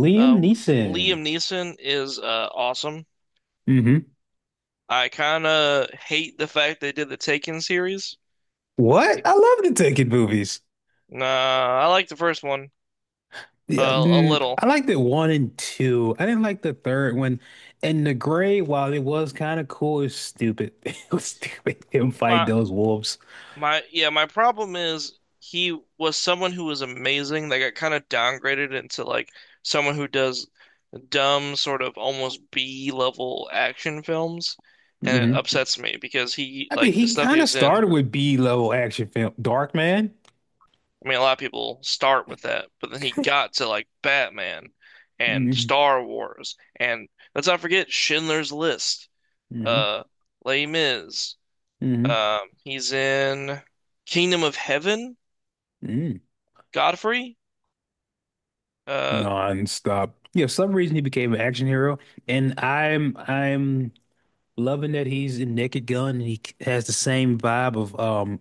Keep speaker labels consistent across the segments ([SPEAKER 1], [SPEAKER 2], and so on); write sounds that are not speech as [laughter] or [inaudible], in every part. [SPEAKER 1] Liam
[SPEAKER 2] Uh,
[SPEAKER 1] Neeson.
[SPEAKER 2] Liam Neeson is awesome.
[SPEAKER 1] Hmm.
[SPEAKER 2] I kind of hate the fact they did the Taken series.
[SPEAKER 1] What? I love the Taken movies.
[SPEAKER 2] Nah, I like the first one
[SPEAKER 1] Yeah,
[SPEAKER 2] a
[SPEAKER 1] I
[SPEAKER 2] little.
[SPEAKER 1] liked it one and two. I didn't like the third one. And the gray, while it was kind of cool, it's stupid. [laughs] It was stupid [laughs] him
[SPEAKER 2] My
[SPEAKER 1] fight those wolves.
[SPEAKER 2] my problem is he was someone who was amazing. They got kind of downgraded into like someone who does dumb sort of almost B level action films, and it
[SPEAKER 1] Hmm.
[SPEAKER 2] upsets me because he
[SPEAKER 1] I mean,
[SPEAKER 2] like the
[SPEAKER 1] he
[SPEAKER 2] stuff he
[SPEAKER 1] kind of
[SPEAKER 2] was in.
[SPEAKER 1] started with B-level action film, Dark Man.
[SPEAKER 2] I mean, a lot of people start with that, but then he got to like Batman and
[SPEAKER 1] Mm-hmm.
[SPEAKER 2] Star Wars, and let's not forget Schindler's List,
[SPEAKER 1] Mm-hmm.
[SPEAKER 2] uh, Les Mis.
[SPEAKER 1] Mm-hmm.
[SPEAKER 2] He's in Kingdom of Heaven, Godfrey. Uh,
[SPEAKER 1] Non-stop. Yeah, for some reason he became an action hero, and I'm loving that he's in Naked Gun and he has the same vibe of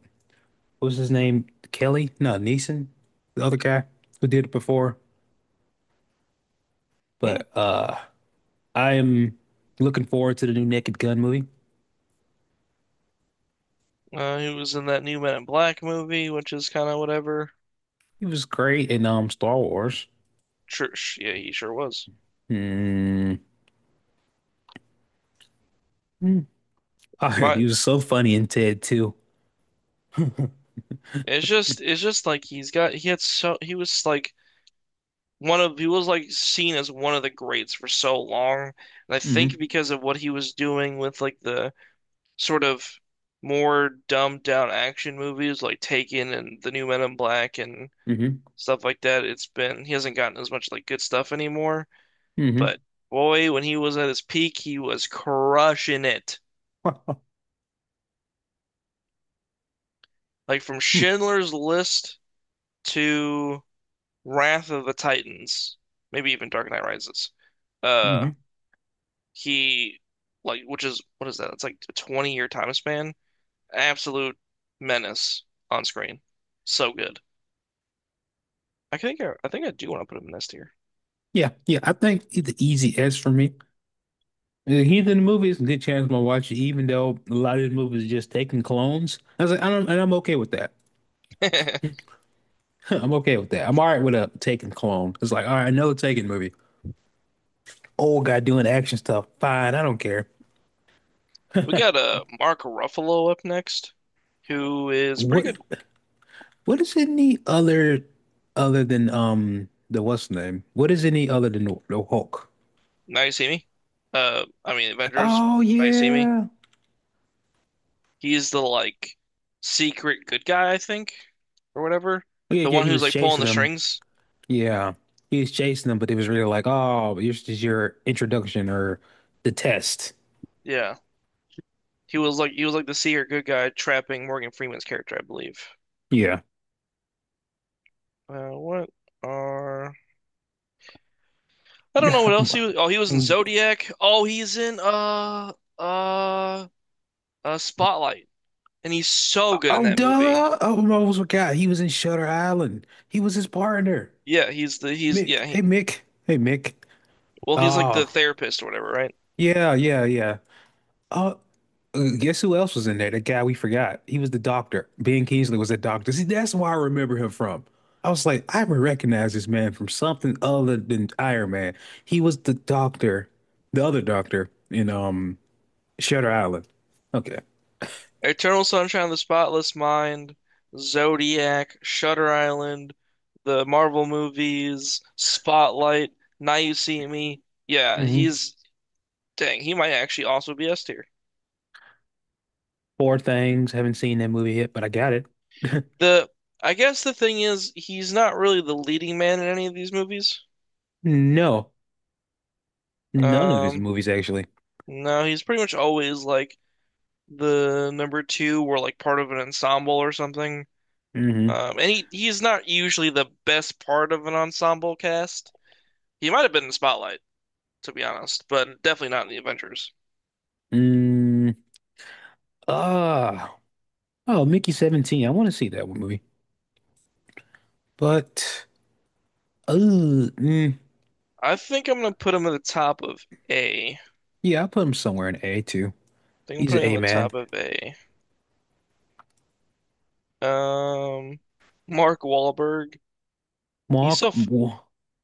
[SPEAKER 1] what's his name? Kelly? No, Neeson, the other guy who did it before.
[SPEAKER 2] hmm,
[SPEAKER 1] But I am looking forward to the new Naked Gun movie.
[SPEAKER 2] he was in that new Men in Black movie, which is kind of whatever.
[SPEAKER 1] He was great in Star Wars.
[SPEAKER 2] Sure, yeah, he sure was.
[SPEAKER 1] Hmm. Hmm. [laughs] He
[SPEAKER 2] But
[SPEAKER 1] was so funny in Ted too. [laughs]
[SPEAKER 2] it's just like he's got, he had so, he was like one of he was like seen as one of the greats for so long. And I think
[SPEAKER 1] Hmm.
[SPEAKER 2] because of what he was doing with like the sort of more dumbed down action movies like Taken and The New Men in Black and
[SPEAKER 1] Hmm.
[SPEAKER 2] stuff like that, it's been he hasn't gotten as much like good stuff anymore.
[SPEAKER 1] Hmm. Hmm.
[SPEAKER 2] But boy, when he was at his peak, he was crushing it. Like from Schindler's List to Wrath of the Titans, maybe even Dark Knight Rises. Uh
[SPEAKER 1] [laughs]
[SPEAKER 2] He like, which is what is that? It's like a 20-year time span. Absolute menace on screen. So good. I think I do want to put him in this tier.
[SPEAKER 1] Yeah, yeah. I think the easy S for me. The Heathen movies, good chance I'm gonna watch it, even though a lot of the movies just taking clones. I was like, I don't, and I'm okay with that.
[SPEAKER 2] [laughs]
[SPEAKER 1] [laughs] I'm okay with that. I'm all right with a taking clone. It's like, all right, another taking movie. Old guy doing action stuff. Fine, I don't care.
[SPEAKER 2] We got Mark Ruffalo up next, who is pretty
[SPEAKER 1] What
[SPEAKER 2] good.
[SPEAKER 1] what is any other than the what's his name? What is any other than the Hulk?
[SPEAKER 2] Now you see me. I mean Avengers,
[SPEAKER 1] Oh
[SPEAKER 2] now you see me.
[SPEAKER 1] yeah.
[SPEAKER 2] He's the like secret good guy, I think, or whatever.
[SPEAKER 1] Oh, yeah,
[SPEAKER 2] The
[SPEAKER 1] yeah,
[SPEAKER 2] one
[SPEAKER 1] he
[SPEAKER 2] who's
[SPEAKER 1] was
[SPEAKER 2] like pulling
[SPEAKER 1] chasing
[SPEAKER 2] the
[SPEAKER 1] him.
[SPEAKER 2] strings.
[SPEAKER 1] Yeah. He was chasing him, but it was really like, oh, this is your introduction or the test.
[SPEAKER 2] Yeah. He was like the secret good guy trapping Morgan Freeman's character, I believe.
[SPEAKER 1] Yeah.
[SPEAKER 2] What are I don't know what else he
[SPEAKER 1] [laughs]
[SPEAKER 2] was. Oh, he was in Zodiac. Oh, he's in uh Spotlight, and he's so good in
[SPEAKER 1] Oh,
[SPEAKER 2] that movie.
[SPEAKER 1] duh. Oh, I almost forgot. He was in Shutter Island. He was his partner,
[SPEAKER 2] Yeah, he's the he's
[SPEAKER 1] Mick.
[SPEAKER 2] yeah
[SPEAKER 1] Hey,
[SPEAKER 2] he
[SPEAKER 1] Mick. Hey, Mick.
[SPEAKER 2] well He's like the
[SPEAKER 1] Oh,
[SPEAKER 2] therapist or whatever, right?
[SPEAKER 1] yeah, yeah, yeah. Oh, guess who else was in there? The guy we forgot. He was the doctor. Ben Kingsley was the doctor. See, that's why I remember him from. I was like, I would recognize this man from something other than Iron Man. He was the doctor, the other doctor in Shutter Island. Okay.
[SPEAKER 2] Eternal Sunshine of the Spotless Mind, Zodiac, Shutter Island, the Marvel movies, Spotlight, Now You See Me. Yeah,
[SPEAKER 1] Hmm.
[SPEAKER 2] he's Dang. He might actually also be S tier.
[SPEAKER 1] Poor things. Haven't seen that movie yet, but I got it. [laughs]
[SPEAKER 2] The I guess the thing is he's not really the leading man in any of these movies.
[SPEAKER 1] No. None of his
[SPEAKER 2] Um,
[SPEAKER 1] movies, actually.
[SPEAKER 2] no, he's pretty much always like the number two or like part of an ensemble or something.
[SPEAKER 1] Hmm.
[SPEAKER 2] And he's not usually the best part of an ensemble cast. He might have been in Spotlight, to be honest, but definitely not in the Avengers.
[SPEAKER 1] Mm, ah, oh, Mickey 17. I want to see that one movie. But, uh, mm,
[SPEAKER 2] I think I'm gonna put him at the top of A. I
[SPEAKER 1] yeah, I put him somewhere in A too.
[SPEAKER 2] think I'm
[SPEAKER 1] He's an
[SPEAKER 2] putting
[SPEAKER 1] A
[SPEAKER 2] him at the
[SPEAKER 1] man.
[SPEAKER 2] top of A. Um, Mark Wahlberg. He's so
[SPEAKER 1] Mark,
[SPEAKER 2] f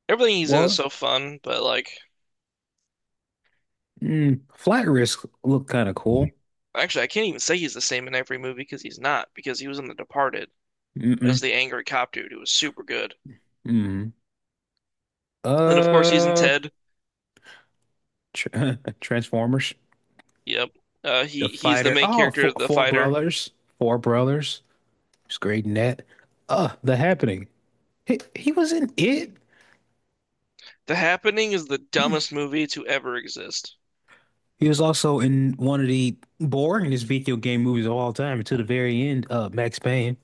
[SPEAKER 2] Everything he's in is
[SPEAKER 1] Wall,
[SPEAKER 2] so fun, but like,
[SPEAKER 1] Flat Risk look kind of cool.
[SPEAKER 2] actually, I can't even say he's the same in every movie because he's not, because he was in The Departed as
[SPEAKER 1] Mm-mm,
[SPEAKER 2] the angry cop dude who was super good.
[SPEAKER 1] mm.
[SPEAKER 2] And of course, he's in
[SPEAKER 1] Uh,
[SPEAKER 2] Ted.
[SPEAKER 1] tr [laughs] Transformers,
[SPEAKER 2] Yep.
[SPEAKER 1] The
[SPEAKER 2] He's the
[SPEAKER 1] Fighter.
[SPEAKER 2] main
[SPEAKER 1] Oh,
[SPEAKER 2] character,
[SPEAKER 1] Four,
[SPEAKER 2] the
[SPEAKER 1] Four
[SPEAKER 2] fighter.
[SPEAKER 1] Brothers. Four Brothers. He's great in that. The Happening. He was in it.
[SPEAKER 2] The Happening is the dumbest movie to ever exist.
[SPEAKER 1] He was also in one of the boringest video game movies of all time to the very end, Max Payne.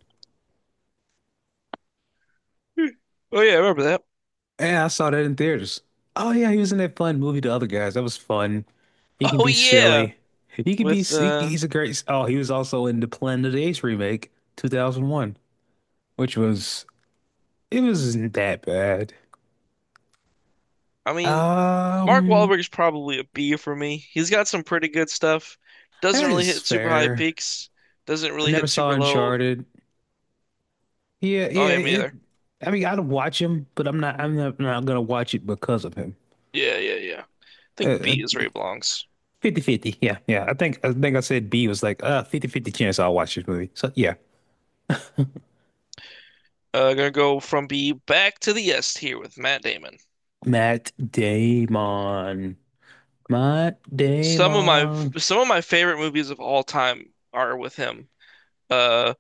[SPEAKER 2] Hmm. Oh yeah, I remember that. [laughs]
[SPEAKER 1] Yeah, I saw that in theaters. Oh yeah, he was in that fun movie, The Other Guys. That was fun. He can
[SPEAKER 2] Oh
[SPEAKER 1] be
[SPEAKER 2] yeah,
[SPEAKER 1] silly. He can be.
[SPEAKER 2] with
[SPEAKER 1] He, he's a great. Oh, he was also in the Planet of the Apes remake, 2001, which was it wasn't that bad.
[SPEAKER 2] I mean, Mark
[SPEAKER 1] Um,
[SPEAKER 2] Wahlberg's probably a B for me. He's got some pretty good stuff. Doesn't
[SPEAKER 1] that
[SPEAKER 2] really
[SPEAKER 1] is
[SPEAKER 2] hit super high
[SPEAKER 1] fair.
[SPEAKER 2] peaks. Doesn't
[SPEAKER 1] I
[SPEAKER 2] really
[SPEAKER 1] never
[SPEAKER 2] hit
[SPEAKER 1] saw
[SPEAKER 2] super low.
[SPEAKER 1] Uncharted. Yeah,
[SPEAKER 2] Oh
[SPEAKER 1] yeah.
[SPEAKER 2] yeah, me
[SPEAKER 1] It.
[SPEAKER 2] either.
[SPEAKER 1] I mean, I'd watch him, but I'm not. I'm not, not gonna watch it because of him.
[SPEAKER 2] Yeah, yeah, yeah. I think
[SPEAKER 1] Uh,
[SPEAKER 2] B is
[SPEAKER 1] uh,
[SPEAKER 2] where he belongs.
[SPEAKER 1] 50/50, yeah, yeah. I think I said B was like 50/50 chance I'll watch this movie. So yeah.
[SPEAKER 2] Gonna go from B back to the S here with Matt Damon.
[SPEAKER 1] Matt Damon. Matt
[SPEAKER 2] Some of my
[SPEAKER 1] Damon.
[SPEAKER 2] some of my favorite movies of all time are with him. Uh,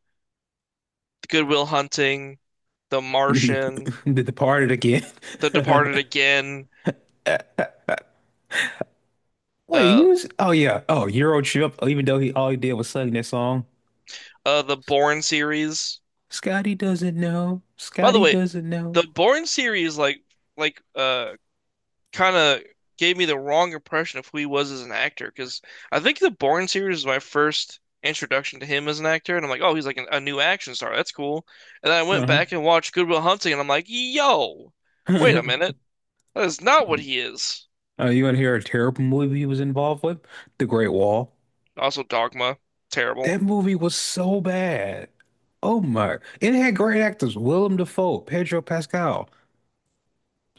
[SPEAKER 2] Goodwill Hunting, The
[SPEAKER 1] [laughs]
[SPEAKER 2] Martian,
[SPEAKER 1] Did the part again.
[SPEAKER 2] The
[SPEAKER 1] [laughs]
[SPEAKER 2] Departed again,
[SPEAKER 1] Wait, he
[SPEAKER 2] uh,
[SPEAKER 1] was, oh yeah. Oh, Euro Trip, even though he all he did was sing that song.
[SPEAKER 2] the Bourne series.
[SPEAKER 1] Scotty doesn't know.
[SPEAKER 2] By the
[SPEAKER 1] Scotty
[SPEAKER 2] way,
[SPEAKER 1] doesn't know.
[SPEAKER 2] the Bourne series, like uh kind of gave me the wrong impression of who he was as an actor because I think the Bourne series was my first introduction to him as an actor, and I'm like, oh, he's like a new action star. That's cool. And then I went
[SPEAKER 1] Uh-huh.
[SPEAKER 2] back and watched Good Will Hunting, and I'm like, yo, wait a minute,
[SPEAKER 1] [laughs]
[SPEAKER 2] that is not what he is.
[SPEAKER 1] You want to hear a terrible movie he was involved with? The Great Wall.
[SPEAKER 2] Also, Dogma, terrible.
[SPEAKER 1] That movie was so bad. Oh my. It had great actors. Willem Dafoe, Pedro Pascal.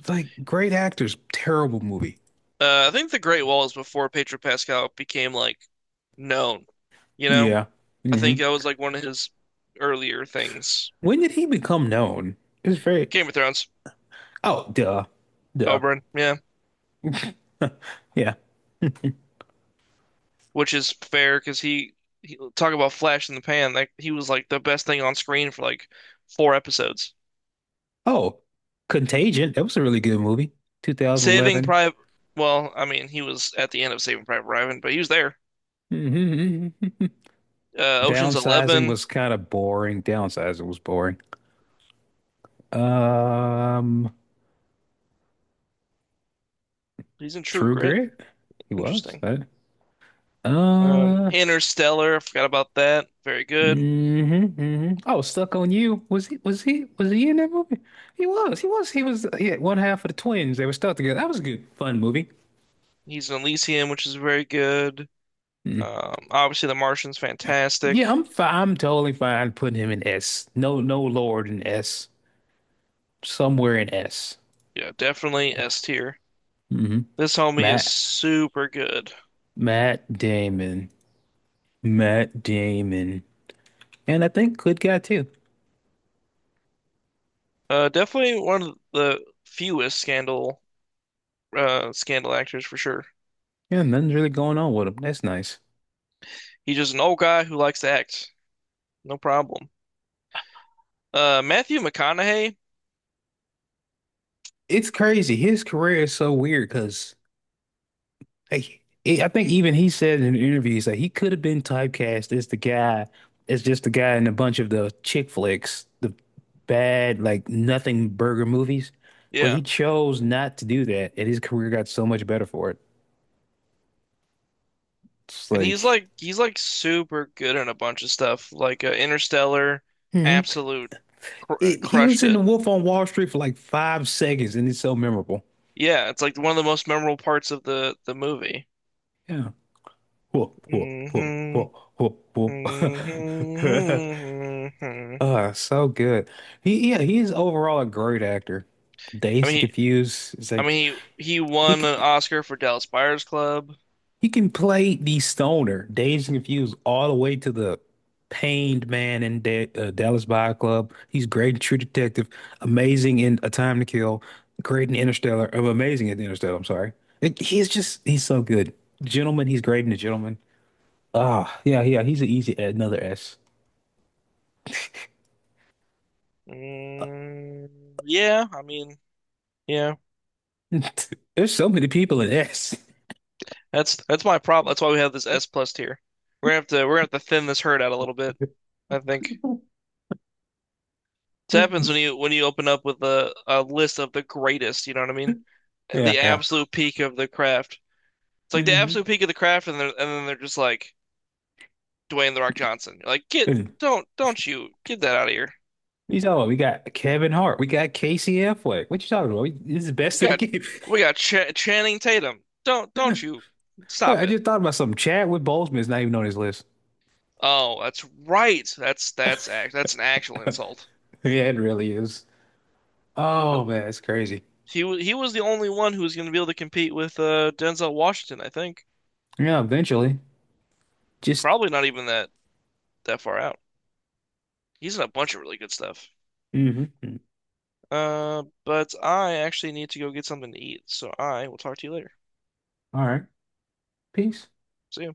[SPEAKER 1] Like great actors. Terrible movie.
[SPEAKER 2] I think The Great Wall is before Pedro Pascal became like known. You know,
[SPEAKER 1] Yeah.
[SPEAKER 2] I think
[SPEAKER 1] Hmm.
[SPEAKER 2] that was like one of his earlier things.
[SPEAKER 1] When did he become known? It's very.
[SPEAKER 2] Game of Thrones,
[SPEAKER 1] Oh, duh. Duh.
[SPEAKER 2] Oberyn, yeah.
[SPEAKER 1] Yeah.
[SPEAKER 2] Which is fair because he talk about flash in the pan. Like he was like the best thing on screen for like four episodes.
[SPEAKER 1] Oh, Contagion. That was a really good movie.
[SPEAKER 2] Saving
[SPEAKER 1] 2011.
[SPEAKER 2] Private. Well, I mean, he was at the end of Saving Private Ryan, but he was there.
[SPEAKER 1] Hmm. [laughs]
[SPEAKER 2] Ocean's
[SPEAKER 1] Downsizing
[SPEAKER 2] 11.
[SPEAKER 1] was kind of boring. Downsizing was boring. Um,
[SPEAKER 2] He's in True
[SPEAKER 1] True
[SPEAKER 2] Grit.
[SPEAKER 1] Grit. He was.
[SPEAKER 2] Interesting.
[SPEAKER 1] Right? Uh,
[SPEAKER 2] Interstellar. I forgot about that. Very good.
[SPEAKER 1] mm hmm Oh, Stuck on You. Was he in that movie? He was. He was. He was yeah, one half of the twins. They were stuck together. That was a good fun movie.
[SPEAKER 2] He's in Elysium, which is very good.
[SPEAKER 1] Mm.
[SPEAKER 2] Obviously, The Martian's
[SPEAKER 1] Yeah,
[SPEAKER 2] fantastic.
[SPEAKER 1] I'm fine. I'm totally fine putting him in S. No, no Lord in S. Somewhere in S.
[SPEAKER 2] Yeah, definitely S tier.
[SPEAKER 1] Hmm.
[SPEAKER 2] This homie is
[SPEAKER 1] Matt
[SPEAKER 2] super good.
[SPEAKER 1] Matt Damon. Matt Damon. And I think good guy too.
[SPEAKER 2] Definitely one of the fewest scandal scandal actors for sure.
[SPEAKER 1] Yeah, nothing's really going on with him. That's nice.
[SPEAKER 2] He's just an old guy who likes to act. No problem. Matthew McConaughey,
[SPEAKER 1] It's crazy. His career is so weird because, like, I think even he said in interviews like he could have been typecast as the guy, as just the guy in a bunch of the chick flicks, the bad like nothing burger movies, but he
[SPEAKER 2] yeah,
[SPEAKER 1] chose not to do that, and his career got so much better for it. It's
[SPEAKER 2] and
[SPEAKER 1] like.
[SPEAKER 2] he's like super good in a bunch of stuff, like Interstellar,
[SPEAKER 1] Hmm.
[SPEAKER 2] absolute cr
[SPEAKER 1] He was
[SPEAKER 2] crushed
[SPEAKER 1] in The
[SPEAKER 2] it.
[SPEAKER 1] Wolf on Wall Street for like 5 seconds, and it's so memorable.
[SPEAKER 2] Yeah, it's like one of the most memorable parts of the movie.
[SPEAKER 1] Yeah. Whoa, whoa, whoa,
[SPEAKER 2] hmm
[SPEAKER 1] whoa, whoa, whoa. [laughs]
[SPEAKER 2] hmm
[SPEAKER 1] So good. He Yeah, he is overall a great actor.
[SPEAKER 2] I
[SPEAKER 1] Dazed
[SPEAKER 2] mean,
[SPEAKER 1] and Confused is like
[SPEAKER 2] he
[SPEAKER 1] he
[SPEAKER 2] won an
[SPEAKER 1] c-
[SPEAKER 2] Oscar for Dallas Buyers Club.
[SPEAKER 1] he can play the stoner, Dazed and Confused, all the way to the pained man in De Dallas Buy Club. He's great in True Detective, amazing in A Time to Kill, great in Interstellar, amazing in Interstellar. I'm sorry. He's just, he's so good. Gentleman, he's great in The Gentleman. Ah, yeah, yeah, he's an easy another S.
[SPEAKER 2] Mm, yeah, I mean, yeah.
[SPEAKER 1] [laughs] There's so many people in S.
[SPEAKER 2] That's my problem. That's why we have this S plus tier. We're gonna have to thin this herd out a little bit, I think.
[SPEAKER 1] [laughs]
[SPEAKER 2] It happens when you open up with a list of the greatest, you know what I mean?
[SPEAKER 1] Yeah,
[SPEAKER 2] The
[SPEAKER 1] yeah.
[SPEAKER 2] absolute peak of the craft. It's like the
[SPEAKER 1] Hmm.
[SPEAKER 2] absolute peak of the craft and then they're just like Dwayne The Rock Johnson. You're like, get
[SPEAKER 1] You
[SPEAKER 2] don't you get that out of here.
[SPEAKER 1] talking about? We got Kevin Hart. We got Casey Affleck. What you talking about? This is the
[SPEAKER 2] We
[SPEAKER 1] best of the
[SPEAKER 2] got
[SPEAKER 1] game.
[SPEAKER 2] we got Ch Channing Tatum.
[SPEAKER 1] [laughs] Wait,
[SPEAKER 2] Don't you stop
[SPEAKER 1] I
[SPEAKER 2] it.
[SPEAKER 1] just thought about something. Chadwick Boseman is not even on his list. [laughs]
[SPEAKER 2] Oh, that's right. That's an actual insult.
[SPEAKER 1] Yeah, it really is. Oh man, it's crazy.
[SPEAKER 2] He was the only one who was going to be able to compete with Denzel Washington, I think.
[SPEAKER 1] Yeah, eventually. Just.
[SPEAKER 2] Probably not even that That far out. He's in a bunch of really good stuff.
[SPEAKER 1] Mhm.
[SPEAKER 2] But I actually need to go get something to eat, so I will talk to you later.
[SPEAKER 1] All right. Peace.
[SPEAKER 2] See you.